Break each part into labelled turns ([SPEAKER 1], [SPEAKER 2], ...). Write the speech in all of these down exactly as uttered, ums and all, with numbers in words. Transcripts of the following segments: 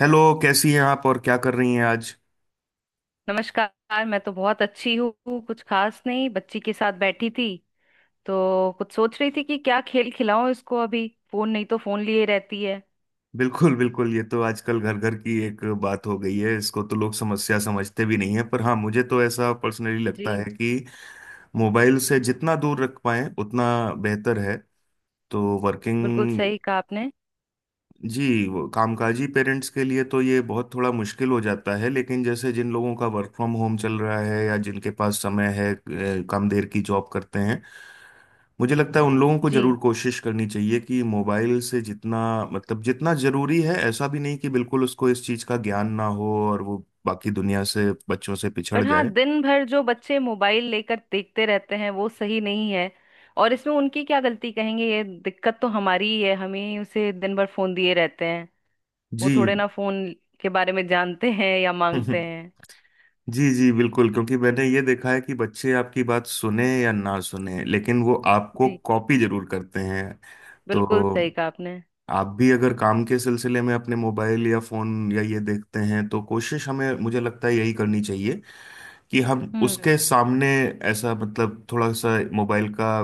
[SPEAKER 1] Hello, कैसी हैं आप और क्या कर रही हैं आज?
[SPEAKER 2] नमस्कार। मैं तो बहुत अच्छी हूँ, कुछ खास नहीं, बच्ची के साथ बैठी थी। तो कुछ सोच रही थी कि क्या खेल खिलाऊं इसको, अभी फोन नहीं तो फोन लिए रहती है।
[SPEAKER 1] बिल्कुल बिल्कुल, ये तो आजकल घर घर की एक बात हो गई है। इसको तो लोग समस्या समझते भी नहीं है, पर हाँ मुझे तो ऐसा पर्सनली लगता है
[SPEAKER 2] जी।
[SPEAKER 1] कि मोबाइल से जितना दूर रख पाएं उतना बेहतर है। तो
[SPEAKER 2] बिल्कुल
[SPEAKER 1] वर्किंग।
[SPEAKER 2] सही कहा आपने।
[SPEAKER 1] जी, वो कामकाजी पेरेंट्स के लिए तो ये बहुत थोड़ा मुश्किल हो जाता है, लेकिन जैसे जिन लोगों का वर्क फ्रॉम होम चल रहा है या जिनके पास समय है, अ, कम देर की जॉब करते हैं, मुझे लगता है उन लोगों को
[SPEAKER 2] जी।
[SPEAKER 1] जरूर कोशिश करनी चाहिए कि मोबाइल से जितना मतलब जितना जरूरी है। ऐसा भी नहीं कि बिल्कुल उसको इस चीज का ज्ञान ना हो और वो बाकी दुनिया से, बच्चों से पिछड़
[SPEAKER 2] पर हाँ,
[SPEAKER 1] जाए।
[SPEAKER 2] दिन भर जो बच्चे मोबाइल लेकर देखते रहते हैं वो सही नहीं है। और इसमें उनकी क्या गलती कहेंगे, ये दिक्कत तो हमारी ही है, हमें ही उसे दिन भर फोन दिए रहते हैं। वो
[SPEAKER 1] जी।
[SPEAKER 2] थोड़े ना फोन के बारे में जानते हैं या मांगते हैं।
[SPEAKER 1] जी जी बिल्कुल, क्योंकि मैंने ये देखा है कि बच्चे आपकी बात सुने या ना सुने, लेकिन वो आपको
[SPEAKER 2] जी।
[SPEAKER 1] कॉपी जरूर करते हैं। तो
[SPEAKER 2] बिल्कुल सही कहा आपने।
[SPEAKER 1] आप भी अगर काम के सिलसिले में अपने मोबाइल या फोन या ये देखते हैं, तो कोशिश हमें, मुझे लगता है यही करनी चाहिए कि हम
[SPEAKER 2] हम्म।
[SPEAKER 1] उसके सामने ऐसा मतलब थोड़ा सा मोबाइल का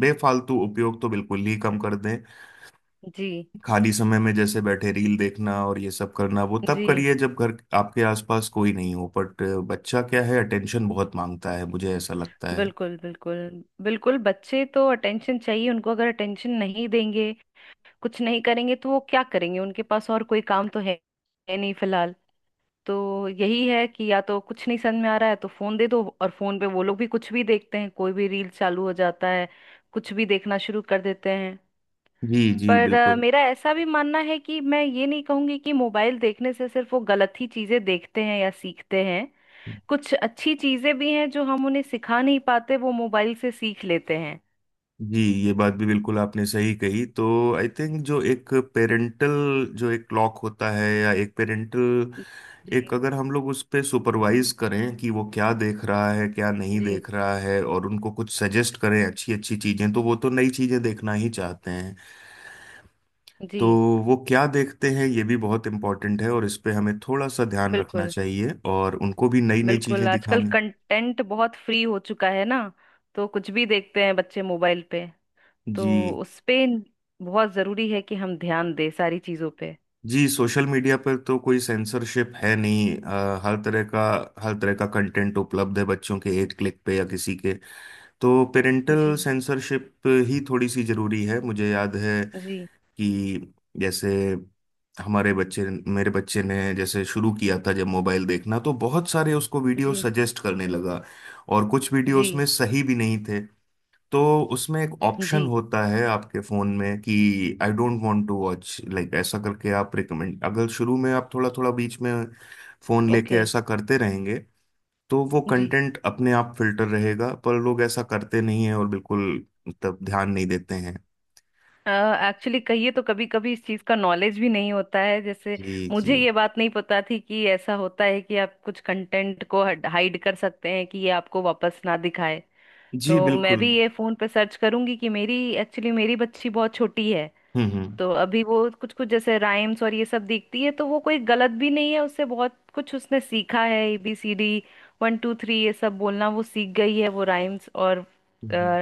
[SPEAKER 1] बेफालतू उपयोग तो बिल्कुल ही कम कर दें।
[SPEAKER 2] जी।
[SPEAKER 1] खाली समय में जैसे बैठे रील देखना और ये सब करना, वो तब
[SPEAKER 2] जी
[SPEAKER 1] करिए जब घर आपके आसपास कोई नहीं हो। बट बच्चा क्या है, अटेंशन बहुत मांगता है, मुझे ऐसा लगता है।
[SPEAKER 2] बिल्कुल। बिल्कुल बिल्कुल बच्चे तो अटेंशन चाहिए उनको, अगर अटेंशन नहीं देंगे कुछ नहीं करेंगे तो वो क्या करेंगे, उनके पास और कोई काम तो है है नहीं फिलहाल। तो यही है कि या तो कुछ नहीं समझ में आ रहा है तो फोन दे दो, और फोन पे वो लोग भी कुछ भी देखते हैं, कोई भी रील चालू हो जाता है, कुछ भी देखना शुरू कर देते हैं।
[SPEAKER 1] जी जी
[SPEAKER 2] पर अ,
[SPEAKER 1] बिल्कुल।
[SPEAKER 2] मेरा ऐसा भी मानना है कि मैं ये नहीं कहूंगी कि मोबाइल देखने से सिर्फ वो गलत ही चीजें देखते हैं या सीखते हैं। कुछ अच्छी चीजें भी हैं जो हम उन्हें सिखा नहीं पाते वो मोबाइल से सीख लेते हैं।
[SPEAKER 1] जी, ये बात भी बिल्कुल आपने सही कही। तो आई थिंक जो एक पेरेंटल, जो एक क्लॉक होता है या एक पेरेंटल, एक
[SPEAKER 2] जी।
[SPEAKER 1] अगर हम लोग उस पे सुपरवाइज करें कि वो क्या देख रहा है क्या नहीं
[SPEAKER 2] जी।
[SPEAKER 1] देख रहा है, और उनको कुछ सजेस्ट करें अच्छी अच्छी चीजें, तो वो तो नई चीजें देखना ही चाहते हैं।
[SPEAKER 2] जी
[SPEAKER 1] तो वो क्या देखते हैं, ये भी बहुत इम्पोर्टेंट है, और इस पे हमें थोड़ा सा ध्यान रखना
[SPEAKER 2] बिल्कुल।
[SPEAKER 1] चाहिए और उनको भी नई नई
[SPEAKER 2] बिल्कुल
[SPEAKER 1] चीजें
[SPEAKER 2] आजकल
[SPEAKER 1] दिखानी।
[SPEAKER 2] कंटेंट बहुत फ्री हो चुका है ना, तो कुछ भी देखते हैं बच्चे मोबाइल पे। तो
[SPEAKER 1] जी
[SPEAKER 2] उस पे बहुत जरूरी है कि हम ध्यान दें सारी चीजों पे।
[SPEAKER 1] जी। सोशल मीडिया पर तो कोई सेंसरशिप है नहीं। अ, हर तरह का हर तरह का कंटेंट उपलब्ध है बच्चों के एक क्लिक पे या किसी के। तो पेरेंटल
[SPEAKER 2] जी।
[SPEAKER 1] सेंसरशिप ही थोड़ी सी जरूरी है। मुझे याद है
[SPEAKER 2] जी।
[SPEAKER 1] कि जैसे हमारे बच्चे मेरे बच्चे ने जैसे शुरू किया था जब मोबाइल देखना, तो बहुत सारे उसको वीडियो
[SPEAKER 2] जी।
[SPEAKER 1] सजेस्ट करने लगा और कुछ वीडियो
[SPEAKER 2] जी।
[SPEAKER 1] उसमें सही भी नहीं थे। तो उसमें एक ऑप्शन
[SPEAKER 2] जी।
[SPEAKER 1] होता है आपके फ़ोन में कि I don't want to watch like, ऐसा करके आप रिकमेंड, अगर शुरू में आप थोड़ा थोड़ा बीच में फ़ोन लेके
[SPEAKER 2] ओके।
[SPEAKER 1] ऐसा करते रहेंगे, तो वो
[SPEAKER 2] जी।
[SPEAKER 1] कंटेंट अपने आप फिल्टर रहेगा। पर लोग ऐसा करते नहीं है और बिल्कुल मतलब ध्यान नहीं देते हैं।
[SPEAKER 2] एक्चुअली कहिए तो कभी कभी इस चीज का नॉलेज भी नहीं होता है, जैसे
[SPEAKER 1] जी जी
[SPEAKER 2] मुझे ये बात नहीं पता थी कि ऐसा होता है कि आप कुछ कंटेंट को हाइड कर सकते हैं कि ये आपको वापस ना दिखाए।
[SPEAKER 1] जी
[SPEAKER 2] तो मैं
[SPEAKER 1] बिल्कुल।
[SPEAKER 2] भी ये फोन पे सर्च करूंगी कि मेरी एक्चुअली मेरी बच्ची बहुत छोटी है।
[SPEAKER 1] हम्म हम्म
[SPEAKER 2] तो अभी वो कुछ कुछ जैसे राइम्स और ये सब देखती है, तो वो कोई गलत भी नहीं है, उससे बहुत कुछ उसने सीखा है। A B C D, one two three ये सब बोलना वो सीख गई है, वो राइम्स और
[SPEAKER 1] हम्म।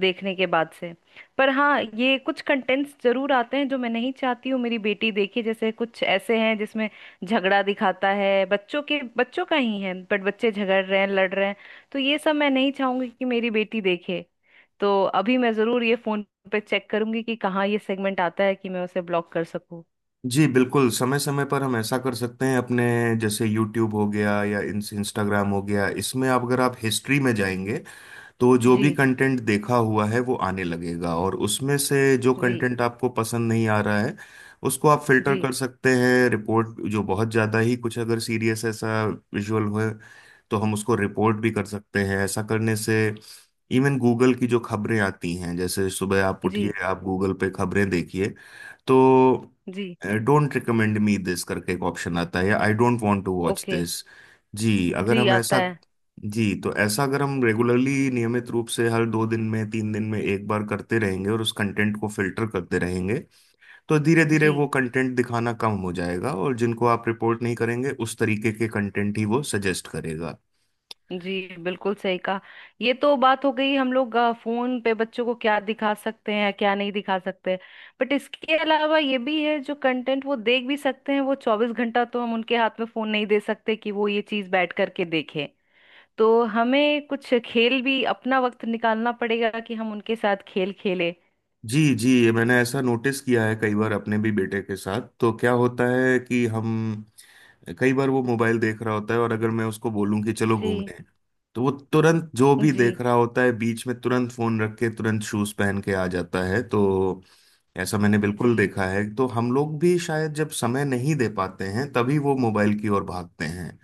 [SPEAKER 2] देखने के बाद से। पर हाँ ये कुछ कंटेंट्स जरूर आते हैं जो मैं नहीं चाहती हूँ मेरी बेटी देखे, जैसे कुछ ऐसे हैं जिसमें झगड़ा दिखाता है, बच्चों के बच्चों का ही है बट बच्चे झगड़ रहे हैं, लड़ रहे हैं। तो ये सब मैं नहीं चाहूंगी कि मेरी बेटी देखे। तो अभी मैं जरूर ये फोन पे चेक करूंगी कि कहाँ ये सेगमेंट आता है कि मैं उसे ब्लॉक कर सकूं।
[SPEAKER 1] जी बिल्कुल, समय समय पर हम ऐसा कर सकते हैं अपने। जैसे यूट्यूब हो गया या इंस्टाग्राम हो गया, इसमें आप अगर आप हिस्ट्री में जाएंगे, तो जो
[SPEAKER 2] जी।
[SPEAKER 1] भी कंटेंट देखा हुआ है वो आने लगेगा, और उसमें से जो
[SPEAKER 2] जी।
[SPEAKER 1] कंटेंट आपको पसंद नहीं आ रहा है उसको आप फिल्टर
[SPEAKER 2] जी।
[SPEAKER 1] कर सकते हैं। रिपोर्ट, जो बहुत ज़्यादा ही कुछ अगर सीरियस ऐसा विजुअल हो, तो हम उसको रिपोर्ट भी कर सकते हैं। ऐसा करने से, इवन गूगल की जो खबरें आती हैं, जैसे सुबह आप उठिए,
[SPEAKER 2] जी।
[SPEAKER 1] आप गूगल पे खबरें देखिए, तो
[SPEAKER 2] जी।
[SPEAKER 1] डोंट रिकमेंड मी दिस करके एक ऑप्शन आता है, या I don't want to watch
[SPEAKER 2] okay.
[SPEAKER 1] This. जी, अगर
[SPEAKER 2] जी
[SPEAKER 1] हम
[SPEAKER 2] आता
[SPEAKER 1] ऐसा।
[SPEAKER 2] है।
[SPEAKER 1] जी, तो ऐसा अगर हम रेगुलरली, नियमित रूप से हर दो दिन में, तीन दिन में एक बार करते रहेंगे और उस कंटेंट को फिल्टर करते रहेंगे, तो धीरे धीरे
[SPEAKER 2] जी।
[SPEAKER 1] वो कंटेंट दिखाना कम हो जाएगा, और जिनको आप रिपोर्ट नहीं करेंगे उस तरीके के कंटेंट ही वो सजेस्ट करेगा।
[SPEAKER 2] जी बिल्कुल सही कहा। ये तो बात हो गई हम लोग अ, फोन पे बच्चों को क्या दिखा सकते हैं क्या नहीं दिखा सकते। बट इसके अलावा ये भी है जो कंटेंट वो देख भी सकते हैं वो चौबीस घंटा तो हम उनके हाथ में फोन नहीं दे सकते कि वो ये चीज बैठ करके देखें। तो हमें कुछ खेल भी अपना वक्त निकालना पड़ेगा कि हम उनके साथ खेल खेलें।
[SPEAKER 1] जी जी, ये मैंने ऐसा नोटिस किया है कई बार अपने भी बेटे के साथ, तो क्या होता है कि हम कई बार, वो मोबाइल देख रहा होता है और अगर मैं उसको बोलूं कि चलो
[SPEAKER 2] जी।
[SPEAKER 1] घूमने, तो वो तुरंत जो भी
[SPEAKER 2] जी।
[SPEAKER 1] देख रहा होता है बीच में तुरंत फोन रख के तुरंत शूज पहन के आ जाता है। तो ऐसा मैंने बिल्कुल
[SPEAKER 2] जी
[SPEAKER 1] देखा है। तो हम लोग भी शायद जब समय नहीं दे पाते हैं तभी वो मोबाइल की ओर भागते हैं।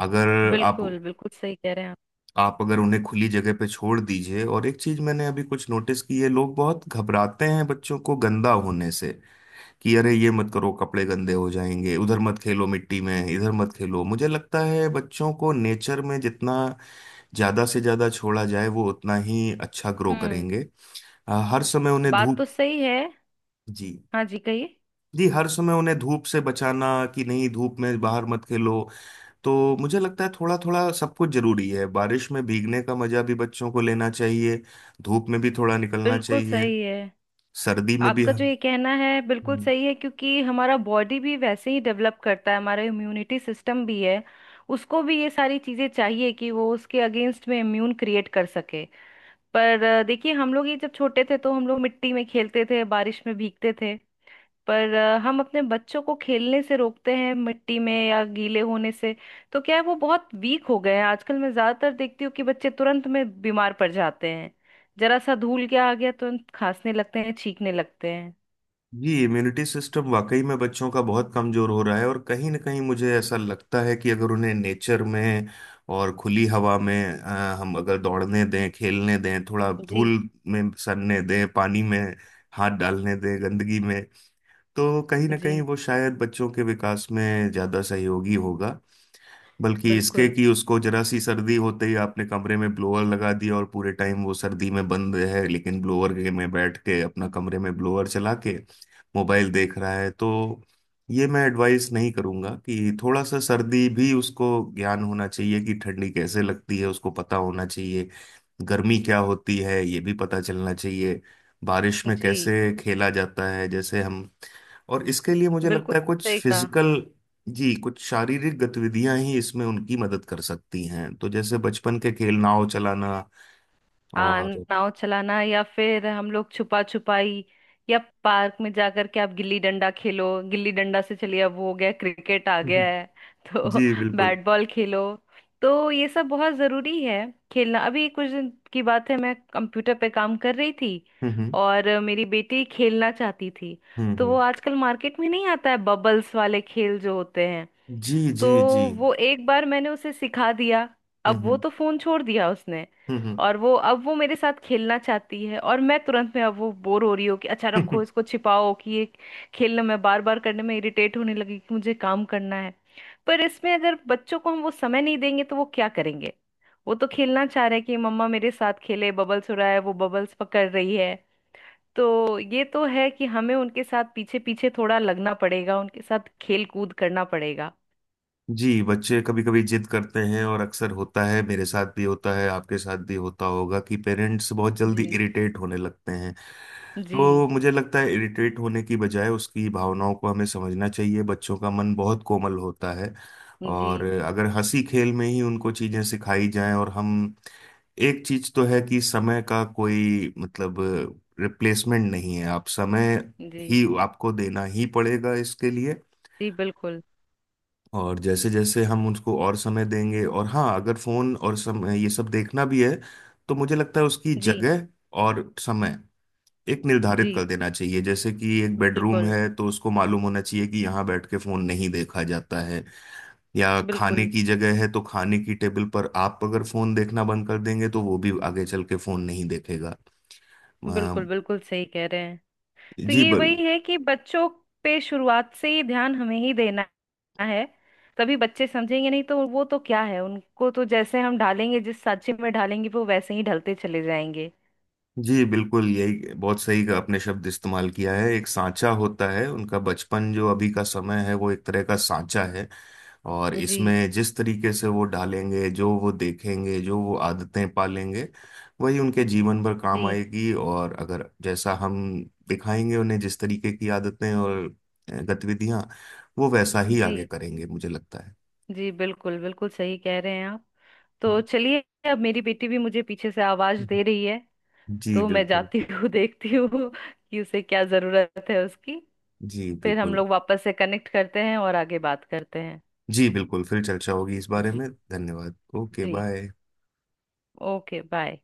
[SPEAKER 1] अगर आप,
[SPEAKER 2] बिल्कुल। बिल्कुल सही कह रहे हैं आप।
[SPEAKER 1] आप अगर उन्हें खुली जगह पे छोड़ दीजिए। और एक चीज मैंने अभी कुछ नोटिस की है, लोग बहुत घबराते हैं बच्चों को गंदा होने से, कि अरे ये मत करो, कपड़े गंदे हो जाएंगे, उधर मत खेलो मिट्टी में, इधर मत खेलो। मुझे लगता है बच्चों को नेचर में जितना ज्यादा से ज्यादा छोड़ा जाए, वो उतना ही अच्छा ग्रो
[SPEAKER 2] हम्म।
[SPEAKER 1] करेंगे। अ, हर समय उन्हें
[SPEAKER 2] बात
[SPEAKER 1] धूप।
[SPEAKER 2] तो सही है।
[SPEAKER 1] जी,
[SPEAKER 2] हाँ जी कहिए।
[SPEAKER 1] जी हर समय उन्हें धूप से बचाना कि नहीं, धूप में बाहर मत खेलो, तो मुझे लगता है थोड़ा थोड़ा सब कुछ जरूरी है। बारिश में भीगने का मजा भी बच्चों को लेना चाहिए, धूप में भी थोड़ा निकलना
[SPEAKER 2] बिल्कुल
[SPEAKER 1] चाहिए,
[SPEAKER 2] सही है।
[SPEAKER 1] सर्दी में भी।
[SPEAKER 2] आपका जो ये कहना है बिल्कुल
[SPEAKER 1] हम्म।
[SPEAKER 2] सही है, क्योंकि हमारा बॉडी भी वैसे ही डेवलप करता है, हमारा इम्यूनिटी सिस्टम भी है, उसको भी ये सारी चीजें चाहिए कि वो उसके अगेंस्ट में इम्यून क्रिएट कर सके। पर अ, देखिए हम लोग ये जब छोटे थे तो हम लोग मिट्टी में खेलते थे, बारिश में भीगते थे। पर अ, हम अपने बच्चों को खेलने से रोकते हैं मिट्टी में या गीले होने से। तो क्या है वो बहुत वीक हो गए हैं आजकल, मैं ज्यादातर देखती हूँ कि बच्चे तुरंत में बीमार पड़ जाते हैं। जरा सा धूल क्या आ गया तुरंत खांसने लगते हैं, छींकने लगते हैं।
[SPEAKER 1] जी, इम्यूनिटी सिस्टम वाकई में बच्चों का बहुत कमजोर हो रहा है, और कहीं ना कहीं मुझे ऐसा लगता है कि अगर उन्हें नेचर में और खुली हवा में अ, हम अगर दौड़ने दें, खेलने दें, थोड़ा
[SPEAKER 2] जी।
[SPEAKER 1] धूल में सनने दें, पानी में हाथ डालने दें, गंदगी में, तो कहीं ना
[SPEAKER 2] जी।
[SPEAKER 1] कहीं वो शायद बच्चों के विकास में ज्यादा सहयोगी होगा। बल्कि इसके
[SPEAKER 2] बिल्कुल।
[SPEAKER 1] कि उसको जरा सी सर्दी होते ही आपने कमरे में ब्लोअर लगा दिया और पूरे टाइम वो सर्दी में बंद है, लेकिन ब्लोअर के में बैठ के, अपना कमरे में ब्लोअर चला के मोबाइल देख रहा है, तो ये मैं एडवाइस नहीं करूंगा। कि थोड़ा सा सर्दी भी उसको ज्ञान होना चाहिए, कि ठंडी कैसे लगती है उसको पता होना चाहिए, गर्मी क्या होती है ये भी पता चलना चाहिए, बारिश में
[SPEAKER 2] जी।
[SPEAKER 1] कैसे खेला जाता है जैसे हम, और इसके लिए मुझे
[SPEAKER 2] बिल्कुल
[SPEAKER 1] लगता है कुछ
[SPEAKER 2] सही कहा।
[SPEAKER 1] फिजिकल। जी, कुछ शारीरिक गतिविधियां ही इसमें उनकी मदद कर सकती हैं, तो जैसे बचपन के खेल, नाव चलाना
[SPEAKER 2] हाँ
[SPEAKER 1] और।
[SPEAKER 2] नाव चलाना या फिर हम लोग छुपा छुपाई, या पार्क में जाकर के आप गिल्ली डंडा खेलो। गिल्ली डंडा से चलिए अब वो हो गया, क्रिकेट आ गया
[SPEAKER 1] हम्म।
[SPEAKER 2] है। तो
[SPEAKER 1] जी बिल्कुल।
[SPEAKER 2] बैट बॉल खेलो, तो ये सब बहुत जरूरी है। खेलना अभी कुछ दिन की बात है, मैं कंप्यूटर पे काम कर रही थी
[SPEAKER 1] हम्म हम्म
[SPEAKER 2] और मेरी बेटी खेलना चाहती थी।
[SPEAKER 1] हम्म
[SPEAKER 2] तो वो
[SPEAKER 1] हम्म।
[SPEAKER 2] आजकल मार्केट में नहीं आता है, बबल्स वाले खेल जो होते हैं,
[SPEAKER 1] जी
[SPEAKER 2] तो
[SPEAKER 1] जी जी।
[SPEAKER 2] वो एक बार मैंने उसे सिखा दिया।
[SPEAKER 1] हम्म
[SPEAKER 2] अब वो
[SPEAKER 1] हम्म
[SPEAKER 2] तो फोन छोड़ दिया उसने।
[SPEAKER 1] हम्म हम्म।
[SPEAKER 2] और वो अब वो मेरे साथ खेलना चाहती है, और मैं तुरंत में अब वो बोर हो रही हो कि अच्छा रखो इसको, छिपाओ कि ये। खेलने में बार बार करने में इरिटेट होने लगी कि मुझे काम करना है। पर इसमें अगर बच्चों को हम वो समय नहीं देंगे तो वो क्या करेंगे। वो तो खेलना चाह रहे हैं कि मम्मा मेरे साथ खेले, बबल्स उड़ा है वो बबल्स पकड़ रही है। तो ये तो है कि हमें उनके साथ पीछे पीछे थोड़ा लगना पड़ेगा, उनके साथ खेल कूद करना पड़ेगा।
[SPEAKER 1] जी, बच्चे कभी कभी जिद करते हैं, और अक्सर होता है, मेरे साथ भी होता है, आपके साथ भी होता होगा, कि पेरेंट्स बहुत जल्दी
[SPEAKER 2] जी।
[SPEAKER 1] इरिटेट होने लगते हैं।
[SPEAKER 2] जी।
[SPEAKER 1] तो मुझे लगता है इरिटेट होने की बजाय उसकी भावनाओं को हमें समझना चाहिए, बच्चों का मन बहुत कोमल होता है।
[SPEAKER 2] जी।
[SPEAKER 1] और अगर हंसी खेल में ही उनको चीजें सिखाई जाएं, और हम, एक चीज तो है कि समय का कोई मतलब, रिप्लेसमेंट नहीं है, आप समय
[SPEAKER 2] जी।
[SPEAKER 1] ही, आपको देना ही पड़ेगा इसके लिए।
[SPEAKER 2] जी बिल्कुल।
[SPEAKER 1] और जैसे जैसे हम उसको और समय देंगे, और हाँ अगर फोन और समय ये सब देखना भी है, तो मुझे लगता है उसकी
[SPEAKER 2] जी।
[SPEAKER 1] जगह और समय एक
[SPEAKER 2] जी
[SPEAKER 1] निर्धारित कर देना चाहिए। जैसे कि एक बेडरूम
[SPEAKER 2] बिल्कुल
[SPEAKER 1] है, तो उसको मालूम होना चाहिए कि यहाँ बैठ के फोन नहीं देखा जाता है, या खाने
[SPEAKER 2] बिल्कुल
[SPEAKER 1] की जगह है, तो खाने की टेबल पर आप अगर फोन देखना बंद कर देंगे तो वो भी आगे चल के फोन नहीं देखेगा। अ,
[SPEAKER 2] बिल्कुल बिल्कुल सही कह रहे हैं। तो
[SPEAKER 1] जी
[SPEAKER 2] ये
[SPEAKER 1] बल
[SPEAKER 2] वही है कि बच्चों पे शुरुआत से ही ध्यान हमें ही देना है। तभी बच्चे समझेंगे, नहीं तो वो तो क्या है, उनको तो जैसे हम ढालेंगे जिस सांचे में ढालेंगे वो वैसे ही ढलते चले जाएंगे।
[SPEAKER 1] जी बिल्कुल, यही बहुत सही का आपने शब्द इस्तेमाल किया है। एक सांचा होता है, उनका बचपन जो अभी का समय है वो एक तरह का सांचा है, और
[SPEAKER 2] जी।
[SPEAKER 1] इसमें जिस तरीके से वो डालेंगे, जो वो देखेंगे, जो वो आदतें पालेंगे, वही उनके जीवन भर काम
[SPEAKER 2] जी।
[SPEAKER 1] आएगी। और अगर जैसा हम दिखाएंगे उन्हें, जिस तरीके की आदतें और अ, गतिविधियां, वो वैसा ही आगे
[SPEAKER 2] जी।
[SPEAKER 1] करेंगे, मुझे लगता है।
[SPEAKER 2] जी बिल्कुल। बिल्कुल सही कह रहे हैं आप। तो चलिए अब मेरी बेटी भी मुझे पीछे से आवाज दे रही है।
[SPEAKER 1] जी
[SPEAKER 2] तो मैं
[SPEAKER 1] बिल्कुल।
[SPEAKER 2] जाती हूँ, देखती हूँ कि उसे क्या जरूरत है, उसकी।
[SPEAKER 1] जी
[SPEAKER 2] फिर हम
[SPEAKER 1] बिल्कुल।
[SPEAKER 2] लोग वापस से कनेक्ट करते हैं और आगे बात करते हैं।
[SPEAKER 1] जी बिल्कुल, फिर चर्चा होगी इस बारे
[SPEAKER 2] जी।
[SPEAKER 1] में। धन्यवाद, ओके
[SPEAKER 2] जी।
[SPEAKER 1] बाय।
[SPEAKER 2] Okay bye.